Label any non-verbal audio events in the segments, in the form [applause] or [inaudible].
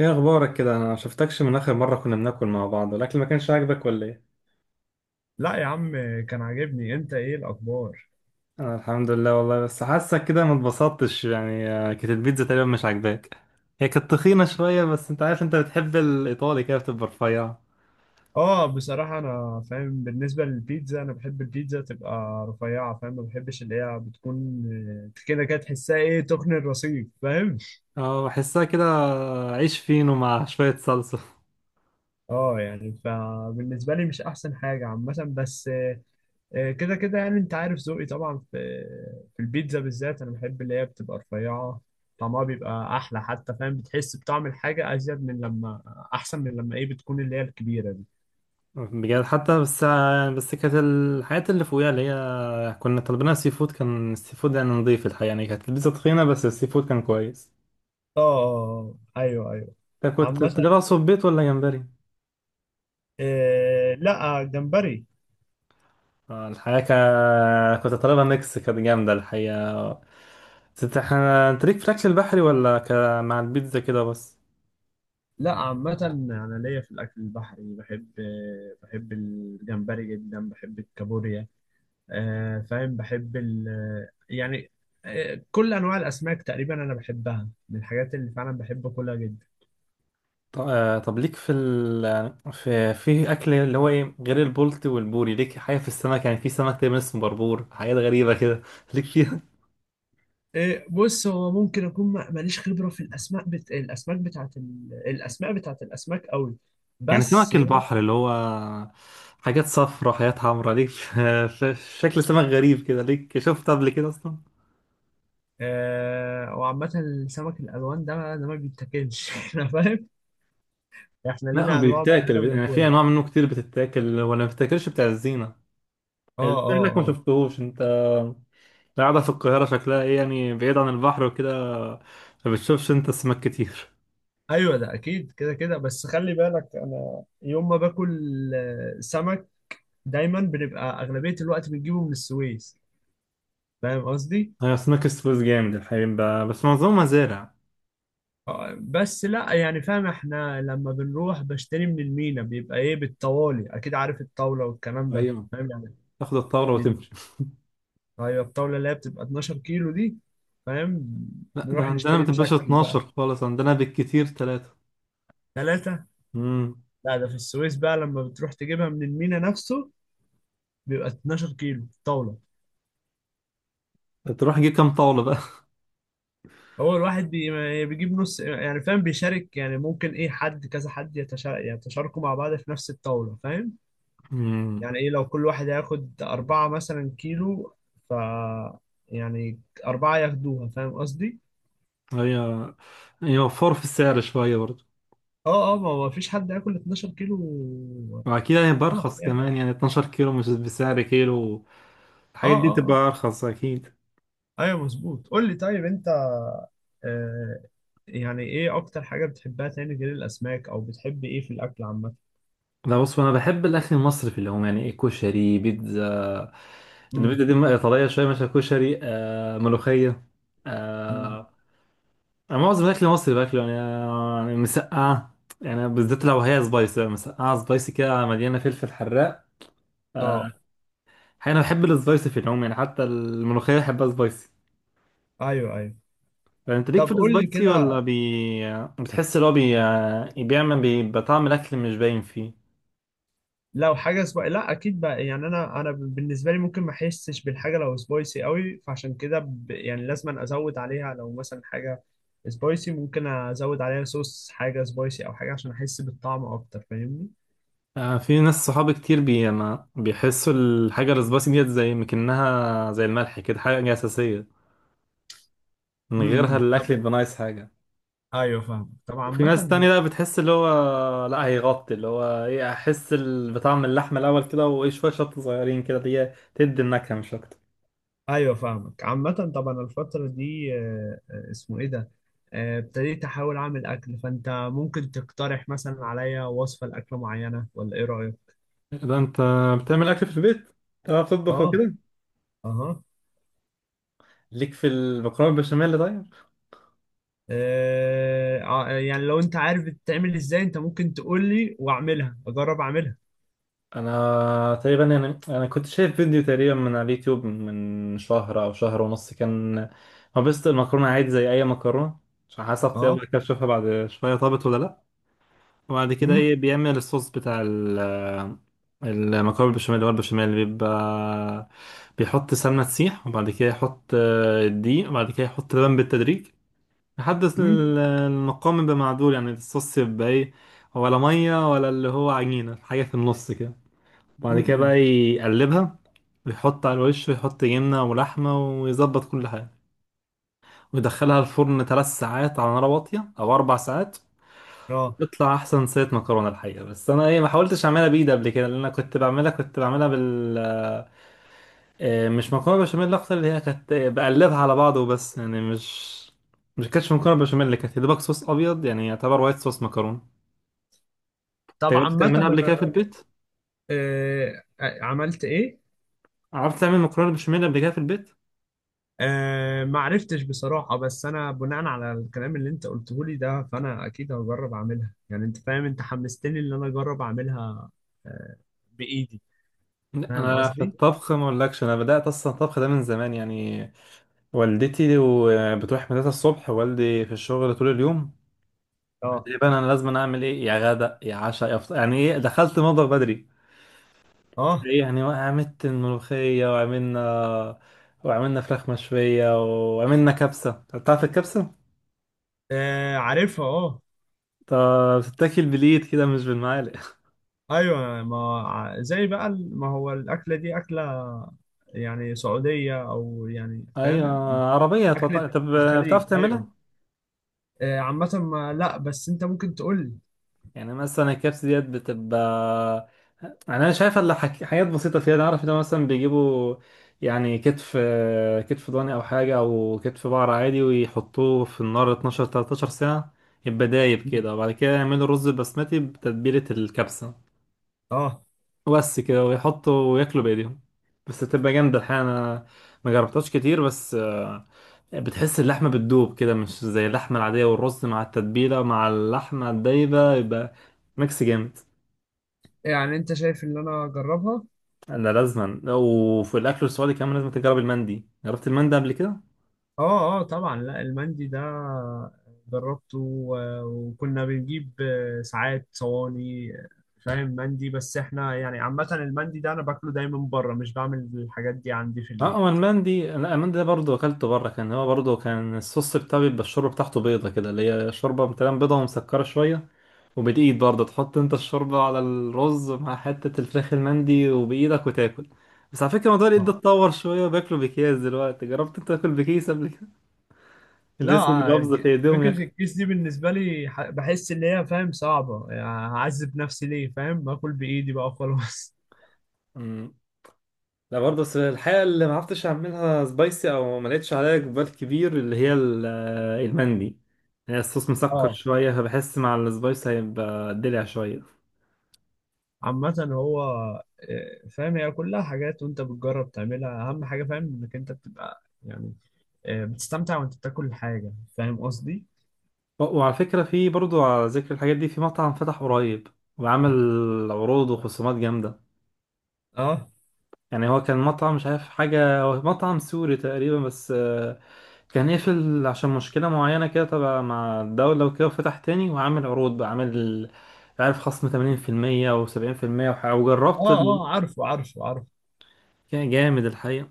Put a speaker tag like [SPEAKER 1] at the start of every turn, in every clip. [SPEAKER 1] ايه اخبارك كده؟ انا ما شفتكش من اخر مره كنا بناكل مع بعض، والاكل ما كانش عاجبك ولا ايه؟
[SPEAKER 2] لا يا عم، كان عاجبني. انت ايه الاخبار؟
[SPEAKER 1] انا الحمد لله والله، بس حاسك كده ما اتبسطتش يعني. كانت البيتزا تقريبا مش عاجباك. هي كانت تخينه شويه، بس انت عارف انت بتحب الايطالي كده بتبقى رفيعه.
[SPEAKER 2] اه، بصراحة انا فاهم. بالنسبة للبيتزا انا بحب البيتزا تبقى رفيعة، فاهم، ما بحبش اللي هي بتكون كده كده، تحسها ايه، تخن الرصيف، فاهم.
[SPEAKER 1] اه، بحسها كده. عيش فينو مع شويه صلصه.
[SPEAKER 2] اه يعني فبالنسبة لي مش احسن حاجة عامة، بس كده كده يعني انت عارف ذوقي طبعا في البيتزا بالذات. انا بحب اللي هي بتبقى رفيعة، طعمها بيبقى احلى حتى، فاهم، بتحس بطعم الحاجة ازيد من لما، احسن من لما ايه بتكون اللي هي الكبيرة دي.
[SPEAKER 1] بجد حتى، بس يعني بس كانت الحاجات اللي فوقيها اللي هي كنا طالبينها سي فود، كان السي فود يعني نضيف الحقيقه، يعني كانت البيتزا تخينه بس السي فود كان كويس.
[SPEAKER 2] اه، آه، آه. ايوه ايوه.
[SPEAKER 1] انت كنت
[SPEAKER 2] عامة،
[SPEAKER 1] تجيبها صبيت ولا جمبري؟
[SPEAKER 2] آه، لا، جمبري.
[SPEAKER 1] الحقيقة كنت طالبها ميكس، كانت جامدة الحقيقة. بس انت ليك في الأكل البحري ولا مع البيتزا كده بس؟
[SPEAKER 2] لا عامة، انا ليا في الاكل البحري، بحب، بحب الجمبري جدا، بحب الكابوريا. آه، فاهم، بحب ال يعني، كل انواع الاسماك تقريبا انا بحبها، من الحاجات اللي فعلا بحب اكلها جدا.
[SPEAKER 1] طب، ليك في ال... في في أكل اللي هو ايه، غير البولتي والبوري، ليك حاجة في السمك؟ يعني في سمك تقريبا اسمه بربور، حاجات غريبة كده [laughs] ليك فيها؟
[SPEAKER 2] آه، بص، هو ممكن اكون ماليش خبرة في الاسماك، الاسماك بتاعت الاسماء بتاعت الاسماك قوي،
[SPEAKER 1] يعني
[SPEAKER 2] بس
[SPEAKER 1] سمك
[SPEAKER 2] يعني.
[SPEAKER 1] البحر اللي هو حاجات صفرا، حاجات حمرا، ليك [laughs] في شكل سمك غريب كده، ليك شفت قبل كده أصلا؟
[SPEAKER 2] آه، وعامة السمك الألوان ده ده ما بيتاكلش [laughs] احنا فاهم، احنا
[SPEAKER 1] لا،
[SPEAKER 2] لينا أنواع معينة
[SPEAKER 1] بيتاكل، يعني في
[SPEAKER 2] بناكلها.
[SPEAKER 1] أنواع منه كتير بتتاكل ولا ما بتتاكلش، بتاع الزينة.
[SPEAKER 2] اه اه
[SPEAKER 1] انك ما
[SPEAKER 2] اه.
[SPEAKER 1] شفتهوش انت قاعدة في القاهرة شكلها ايه، يعني بعيد عن البحر وكده، ما بتشوفش انت سمك كتير.
[SPEAKER 2] ايوه ده اكيد، كده كده، بس خلي بالك، انا يوم ما باكل سمك دايما بنبقى اغلبية الوقت بنجيبه من السويس، فاهم قصدي.
[SPEAKER 1] [laughs] هي اسماك السويس جامد الحقيقة، بس معظمها مزارع.
[SPEAKER 2] بس لا، يعني فاهم، احنا لما بنروح بشتري من المينا بيبقى ايه بالطوالي، اكيد عارف الطاولة والكلام ده،
[SPEAKER 1] ايوه،
[SPEAKER 2] فاهم يعني.
[SPEAKER 1] تاخد الطاولة
[SPEAKER 2] بي-
[SPEAKER 1] وتمشي.
[SPEAKER 2] ايوه، الطاولة اللي هي بتبقى 12 كيلو دي، فاهم.
[SPEAKER 1] لا، ده
[SPEAKER 2] نروح
[SPEAKER 1] عندنا ما
[SPEAKER 2] نشتري
[SPEAKER 1] تبقاش
[SPEAKER 2] بشكل
[SPEAKER 1] 12
[SPEAKER 2] بقى.
[SPEAKER 1] خالص، عندنا بالكتير ثلاثة.
[SPEAKER 2] ثلاثة؟
[SPEAKER 1] امم.
[SPEAKER 2] لا، ده في السويس بقى لما بتروح تجيبها من المينا نفسه بيبقى 12 كيلو طاولة.
[SPEAKER 1] تروح تجيب كام طاولة بقى؟
[SPEAKER 2] هو الواحد بيجيب نص، يعني فاهم، بيشارك، يعني ممكن ايه حد كذا، حد يتشاركوا مع بعض في نفس الطاولة، فاهم
[SPEAKER 1] [laughs] امم.
[SPEAKER 2] يعني، ايه لو كل واحد هياخد أربعة مثلا كيلو، ف يعني، أربعة ياخدوها، فاهم قصدي؟
[SPEAKER 1] هي يوفر في السعر شوية برضه.
[SPEAKER 2] اه اه، ما هو مفيش حد هياكل 12 كيلو.
[SPEAKER 1] وأكيد هيبقى
[SPEAKER 2] طبعا
[SPEAKER 1] أرخص
[SPEAKER 2] يعني.
[SPEAKER 1] كمان، يعني 12 كيلو مش بسعر كيلو.
[SPEAKER 2] اه
[SPEAKER 1] الحاجات دي
[SPEAKER 2] اه
[SPEAKER 1] تبقى
[SPEAKER 2] اه.
[SPEAKER 1] أرخص أكيد.
[SPEAKER 2] ايوه مظبوط. قول لي طيب، انت، آه يعني، ايه اكتر حاجة بتحبها تاني غير الاسماك، او بتحب ايه في الاكل عامة؟
[SPEAKER 1] لا، بص انا بحب الاكل المصري في العموم، يعني ايه، كشري، بيتزا.
[SPEAKER 2] امم.
[SPEAKER 1] البيتزا دي ايطاليه شويه، مثلا كشري، ملوخيه.
[SPEAKER 2] أمم.
[SPEAKER 1] آه. انا معظم الاكل المصري باكله، يعني يعني مسقعه. يعني بالذات لو هي سبايسي، مسقعه سبايسي كده مليانه فلفل حراق. آه.
[SPEAKER 2] اه،
[SPEAKER 1] حقيقة انا بحب السبايسي في العموم، يعني حتى الملوخيه بحبها سبايسي.
[SPEAKER 2] ايوه ايوه.
[SPEAKER 1] فانت ليك في
[SPEAKER 2] طب قول لي
[SPEAKER 1] السبايسي، ولا
[SPEAKER 2] كده،
[SPEAKER 1] بتحس اللي هو بيعمل بطعم الاكل مش باين فيه؟
[SPEAKER 2] لو حاجة سبايسي، لا اكيد بقى، يعني انا بالنسبة لي ممكن ما احسش بالحاجة لو سبايسي قوي، فعشان كده يعني لازم ازود عليها، لو مثلا حاجة سبايسي ممكن ازود عليها صوص، حاجة سبايسي او حاجة عشان احس بالطعم اكتر، فاهمني.
[SPEAKER 1] في ناس صحابي كتير ما بيحسوا الحاجة السبايسي ديت، زي مكنها زي الملح كده، حاجة أساسية، من
[SPEAKER 2] امم.
[SPEAKER 1] غيرها
[SPEAKER 2] أمم.
[SPEAKER 1] الأكل
[SPEAKER 2] طب،
[SPEAKER 1] يبقى ناقص حاجة.
[SPEAKER 2] ايوه فاهم طبعا،
[SPEAKER 1] وفي
[SPEAKER 2] عامة.
[SPEAKER 1] ناس تانية بقى بتحس اللي هو، لا هيغطي اللي هو إيه، أحس بطعم اللحمة الأول كده، وإيه شوية شطة صغيرين كده اللي هي تدي النكهة مش أكتر.
[SPEAKER 2] ايوه فاهمك عامة، طبعا الفترة دي اسمه ايه ده، ابتديت احاول اعمل اكل، فانت ممكن تقترح مثلا عليا وصفة لاكلة معينة، ولا ايه رأيك؟
[SPEAKER 1] إيه ده، أنت بتعمل أكل في البيت؟ بتعرف تطبخ
[SPEAKER 2] اه.
[SPEAKER 1] وكده؟
[SPEAKER 2] اها.
[SPEAKER 1] ليك في المكرونة البشاميل طيب؟
[SPEAKER 2] يعني لو انت عارف بتتعمل ازاي، انت ممكن تقول لي واعملها، اجرب اعملها.
[SPEAKER 1] انا تقريبا يعني انا كنت شايف فيديو تقريبا من على اليوتيوب من شهر او شهر ونص، كان مبسط المكرونه عادي زي اي مكرونه، عشان حسب طيابها
[SPEAKER 2] اه.
[SPEAKER 1] كده اشوفها بعد شويه طابت ولا لا. وبعد كده
[SPEAKER 2] امم.
[SPEAKER 1] ايه، بيعمل الصوص بتاع المكرونه بالبشاميل، اللي هو البشاميل اللي بيبقى بيحط سمنه تسيح، وبعد كده يحط الدقيق، وبعد كده يحط لبن بالتدريج لحد
[SPEAKER 2] امم.
[SPEAKER 1] المقام يبقى معدول، يعني الصوص يبقى ايه، ولا ميه ولا اللي هو عجينه، حاجه في النص كده. وبعد كده
[SPEAKER 2] امم.
[SPEAKER 1] بقى يقلبها ويحط على الوش، ويحط جبنة ولحمة ويظبط كل حاجة، ويدخلها الفرن ثلاث ساعات على نار واطية أو أربع ساعات،
[SPEAKER 2] اه.
[SPEAKER 1] وتطلع أحسن صينية مكرونة الحقيقة. بس أنا إيه ما حاولتش أعملها بإيدي قبل كده، لأن أنا كنت بعملها مش مكرونة بشاميل أكتر، اللي هي كانت بقلبها على بعض وبس، يعني مش كانتش مكرونة بشاميل، اللي كانت يا دوبك صوص أبيض يعني، يعتبر وايت صوص مكرونة.
[SPEAKER 2] طب
[SPEAKER 1] أنت جربت
[SPEAKER 2] عامة
[SPEAKER 1] تعملها قبل
[SPEAKER 2] انا،
[SPEAKER 1] كده في البيت؟
[SPEAKER 2] عملت ايه؟
[SPEAKER 1] عرفت تعمل مكرونة بشاميل قبل كده في البيت؟
[SPEAKER 2] أه، ما عرفتش بصراحة، بس أنا بناء على الكلام اللي أنت قلته لي ده، فأنا أكيد هجرب أعملها، يعني أنت فاهم، أنت حمستني إن أنا أجرب أعملها، أه، بإيدي،
[SPEAKER 1] لا،
[SPEAKER 2] فاهم
[SPEAKER 1] انا في
[SPEAKER 2] قصدي؟
[SPEAKER 1] الطبخ ما اقولكش، انا بدات اصلا الطبخ ده من زمان يعني. والدتي بتروح مدرسه الصبح، والدي في الشغل طول اليوم، قلت
[SPEAKER 2] أه.
[SPEAKER 1] لي بقى انا لازم اعمل ايه، يا غدا يا عشاء يا فطار، يعني ايه، دخلت المطبخ بدري.
[SPEAKER 2] أه.
[SPEAKER 1] ايه يعني، عملت الملوخيه، وعملنا فراخ مشويه، وعملنا كبسه. تعرف الكبسه؟
[SPEAKER 2] آه، عارفها، أه.
[SPEAKER 1] طب، بتتاكل بالايد كده مش بالمعالق [laughs]
[SPEAKER 2] أيوه، ما زي بقى ما هو الأكلة دي أكلة، يعني سعودية، أو يعني
[SPEAKER 1] ايوه،
[SPEAKER 2] فاهم،
[SPEAKER 1] عربيه. طب،
[SPEAKER 2] أكلة
[SPEAKER 1] طب، بتعرف
[SPEAKER 2] الخليج، أيوه.
[SPEAKER 1] تعملها؟
[SPEAKER 2] عامة ما لا، بس أنت ممكن تقول
[SPEAKER 1] يعني مثلا الكبس ديت بتبقى، يعني انا شايف اللي حاجات بسيطه فيها، انا عارف ان هو مثلا بيجيبوا يعني كتف، كتف ضاني او حاجه، او كتف بقر عادي، ويحطوه في النار 12 13 ساعه، يبقى دايب
[SPEAKER 2] لي.
[SPEAKER 1] كده. وبعد كده يعملوا رز بسمتي بتتبيله الكبسه،
[SPEAKER 2] أه،
[SPEAKER 1] وبس كده، ويحطوا وياكلوا بايديهم. بس تبقى جامده الحقيقه، انا ما جربتهاش كتير بس بتحس اللحمه بتدوب كده، مش زي اللحمه العاديه، والرز مع التتبيله مع اللحمه الدايبه يبقى ميكس جامد.
[SPEAKER 2] يعني أنت شايف إن أنا أجربها؟
[SPEAKER 1] ده لازما. وفي الاكل السعودي كمان لازم تجرب المندي، جربت المندي قبل كده؟
[SPEAKER 2] اه اه طبعا. لا، المندي ده جربته وكنا بنجيب ساعات صواني، فاهم مندي، بس احنا يعني عامة المندي ده انا باكله دايما بره، مش بعمل الحاجات دي عندي في
[SPEAKER 1] اه، هو
[SPEAKER 2] البيت.
[SPEAKER 1] المندي، لا المندي ده برضه اكلته بره، كان هو برضه كان الصوص بتاعه بيبقى الشوربه بتاعته بيضه كده، اللي هي شوربه مثلا بيضه ومسكره شويه، وبالايد برضه تحط انت الشوربه على الرز مع حته الفراخ المندي وبايدك وتاكل. بس على فكره، موضوع الايد ده
[SPEAKER 2] اه.
[SPEAKER 1] اتطور شويه وبياكلوا بكيس دلوقتي، جربت انت تاكل بكيس قبل كده؟
[SPEAKER 2] لا،
[SPEAKER 1] اللي لسه جلوفز في ايديهم
[SPEAKER 2] فكرة
[SPEAKER 1] ياكل.
[SPEAKER 2] الكيس دي بالنسبة لي، بحس ان هي فاهم صعبة يعني، هعذب نفسي ليه، فاهم، باكل بايدي بقى خلاص.
[SPEAKER 1] لا برضه، بس الحقيقة اللي ما عرفتش اعملها سبايسي او ما لقيتش عليها اقبال كبير، اللي هي المندي، هي الصوص
[SPEAKER 2] [laughs]
[SPEAKER 1] مسكر
[SPEAKER 2] اه،
[SPEAKER 1] شوية، بحس مع السبايسي هيبقى دلع شوية.
[SPEAKER 2] عامة هو، فاهم، هي كلها حاجات وانت بتجرب تعملها، اهم حاجة فاهم انك انت بتبقى يعني بتستمتع وانت بتاكل الحاجة، فاهم قصدي؟
[SPEAKER 1] و- وعلى فكرة، في برضه على ذكر الحاجات دي، في مطعم فتح قريب وعمل عروض وخصومات جامدة.
[SPEAKER 2] اه
[SPEAKER 1] يعني هو كان مطعم، مش عارف حاجة، هو مطعم سوري تقريبا بس كان قفل عشان مشكلة معينة كده تبع مع الدولة وكده، وفتح تاني وعامل عروض بقى، عامل عارف خصم 80% أو 70%. وجربت
[SPEAKER 2] اه اه، عارفه عارفه عارفه.
[SPEAKER 1] كان جامد الحقيقة.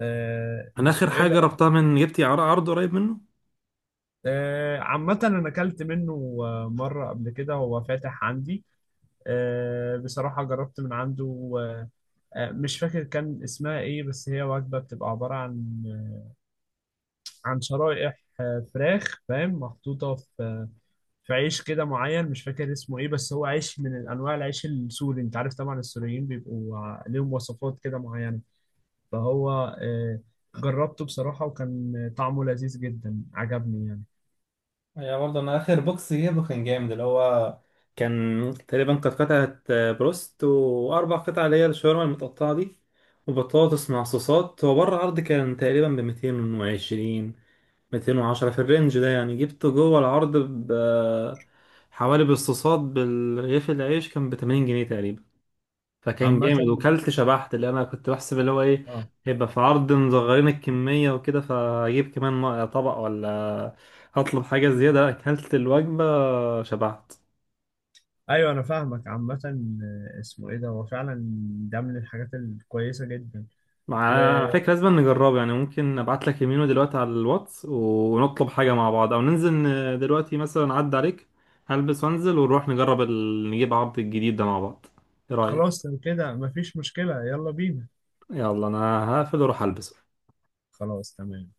[SPEAKER 2] آه،
[SPEAKER 1] أنا آخر
[SPEAKER 2] اسمه ايه
[SPEAKER 1] حاجة
[SPEAKER 2] ده؟
[SPEAKER 1] جربتها من جبتي، عرض قريب منه،
[SPEAKER 2] عامة انا اكلت منه مرة قبل كده، هو فاتح عندي، بصراحة جربت من عنده، مش فاكر كان اسمها ايه، بس هي وجبة بتبقى عبارة عن، عن شرائح فراخ، فاهم، محطوطة في، في عيش كده معين، مش فاكر اسمه ايه، بس هو عيش من انواع العيش السوري. انت عارف طبعا السوريين بيبقوا ليهم وصفات كده معينة، فهو آه، جربته بصراحة، وكان طعمه لذيذ جدا، عجبني يعني.
[SPEAKER 1] يا برضه. انا اخر بوكس جيبه كان جامد، اللي هو كان تقريبا، كانت قطعة بروست واربع قطع اللي هي الشاورما المتقطعة دي، وبطاطس مع صوصات. هو بره العرض كان تقريبا ب 220، 210 في الرينج ده، يعني جبته جوه العرض ب حوالي، بالصوصات بالرغيف، العيش كان ب 80 جنيه تقريبا. فكان
[SPEAKER 2] عامة
[SPEAKER 1] جامد وكلت شبعت، اللي انا كنت بحسب اللي هو ايه،
[SPEAKER 2] اه،
[SPEAKER 1] هيبقى في عرض مصغرين الكمية وكده فاجيب كمان طبق، ولا هطلب حاجة زيادة. لا، اكلت الوجبة شبعت.
[SPEAKER 2] ايوه انا فاهمك عامة، اسمه ايه ده، هو فعلا ده من الحاجات الكويسة جدا.
[SPEAKER 1] مع، على فكرة لازم نجربه، يعني ممكن ابعت لك يمينه دلوقتي على الواتس ونطلب حاجة مع بعض، او ننزل دلوقتي مثلا عدى عليك هلبس وانزل ونروح نجرب نجيب عرض الجديد ده مع بعض. ايه رأيك؟
[SPEAKER 2] وخلاص لو كده مفيش مشكلة، يلا بينا.
[SPEAKER 1] يلا، انا هقفل واروح البس.
[SPEAKER 2] خلاص تمام.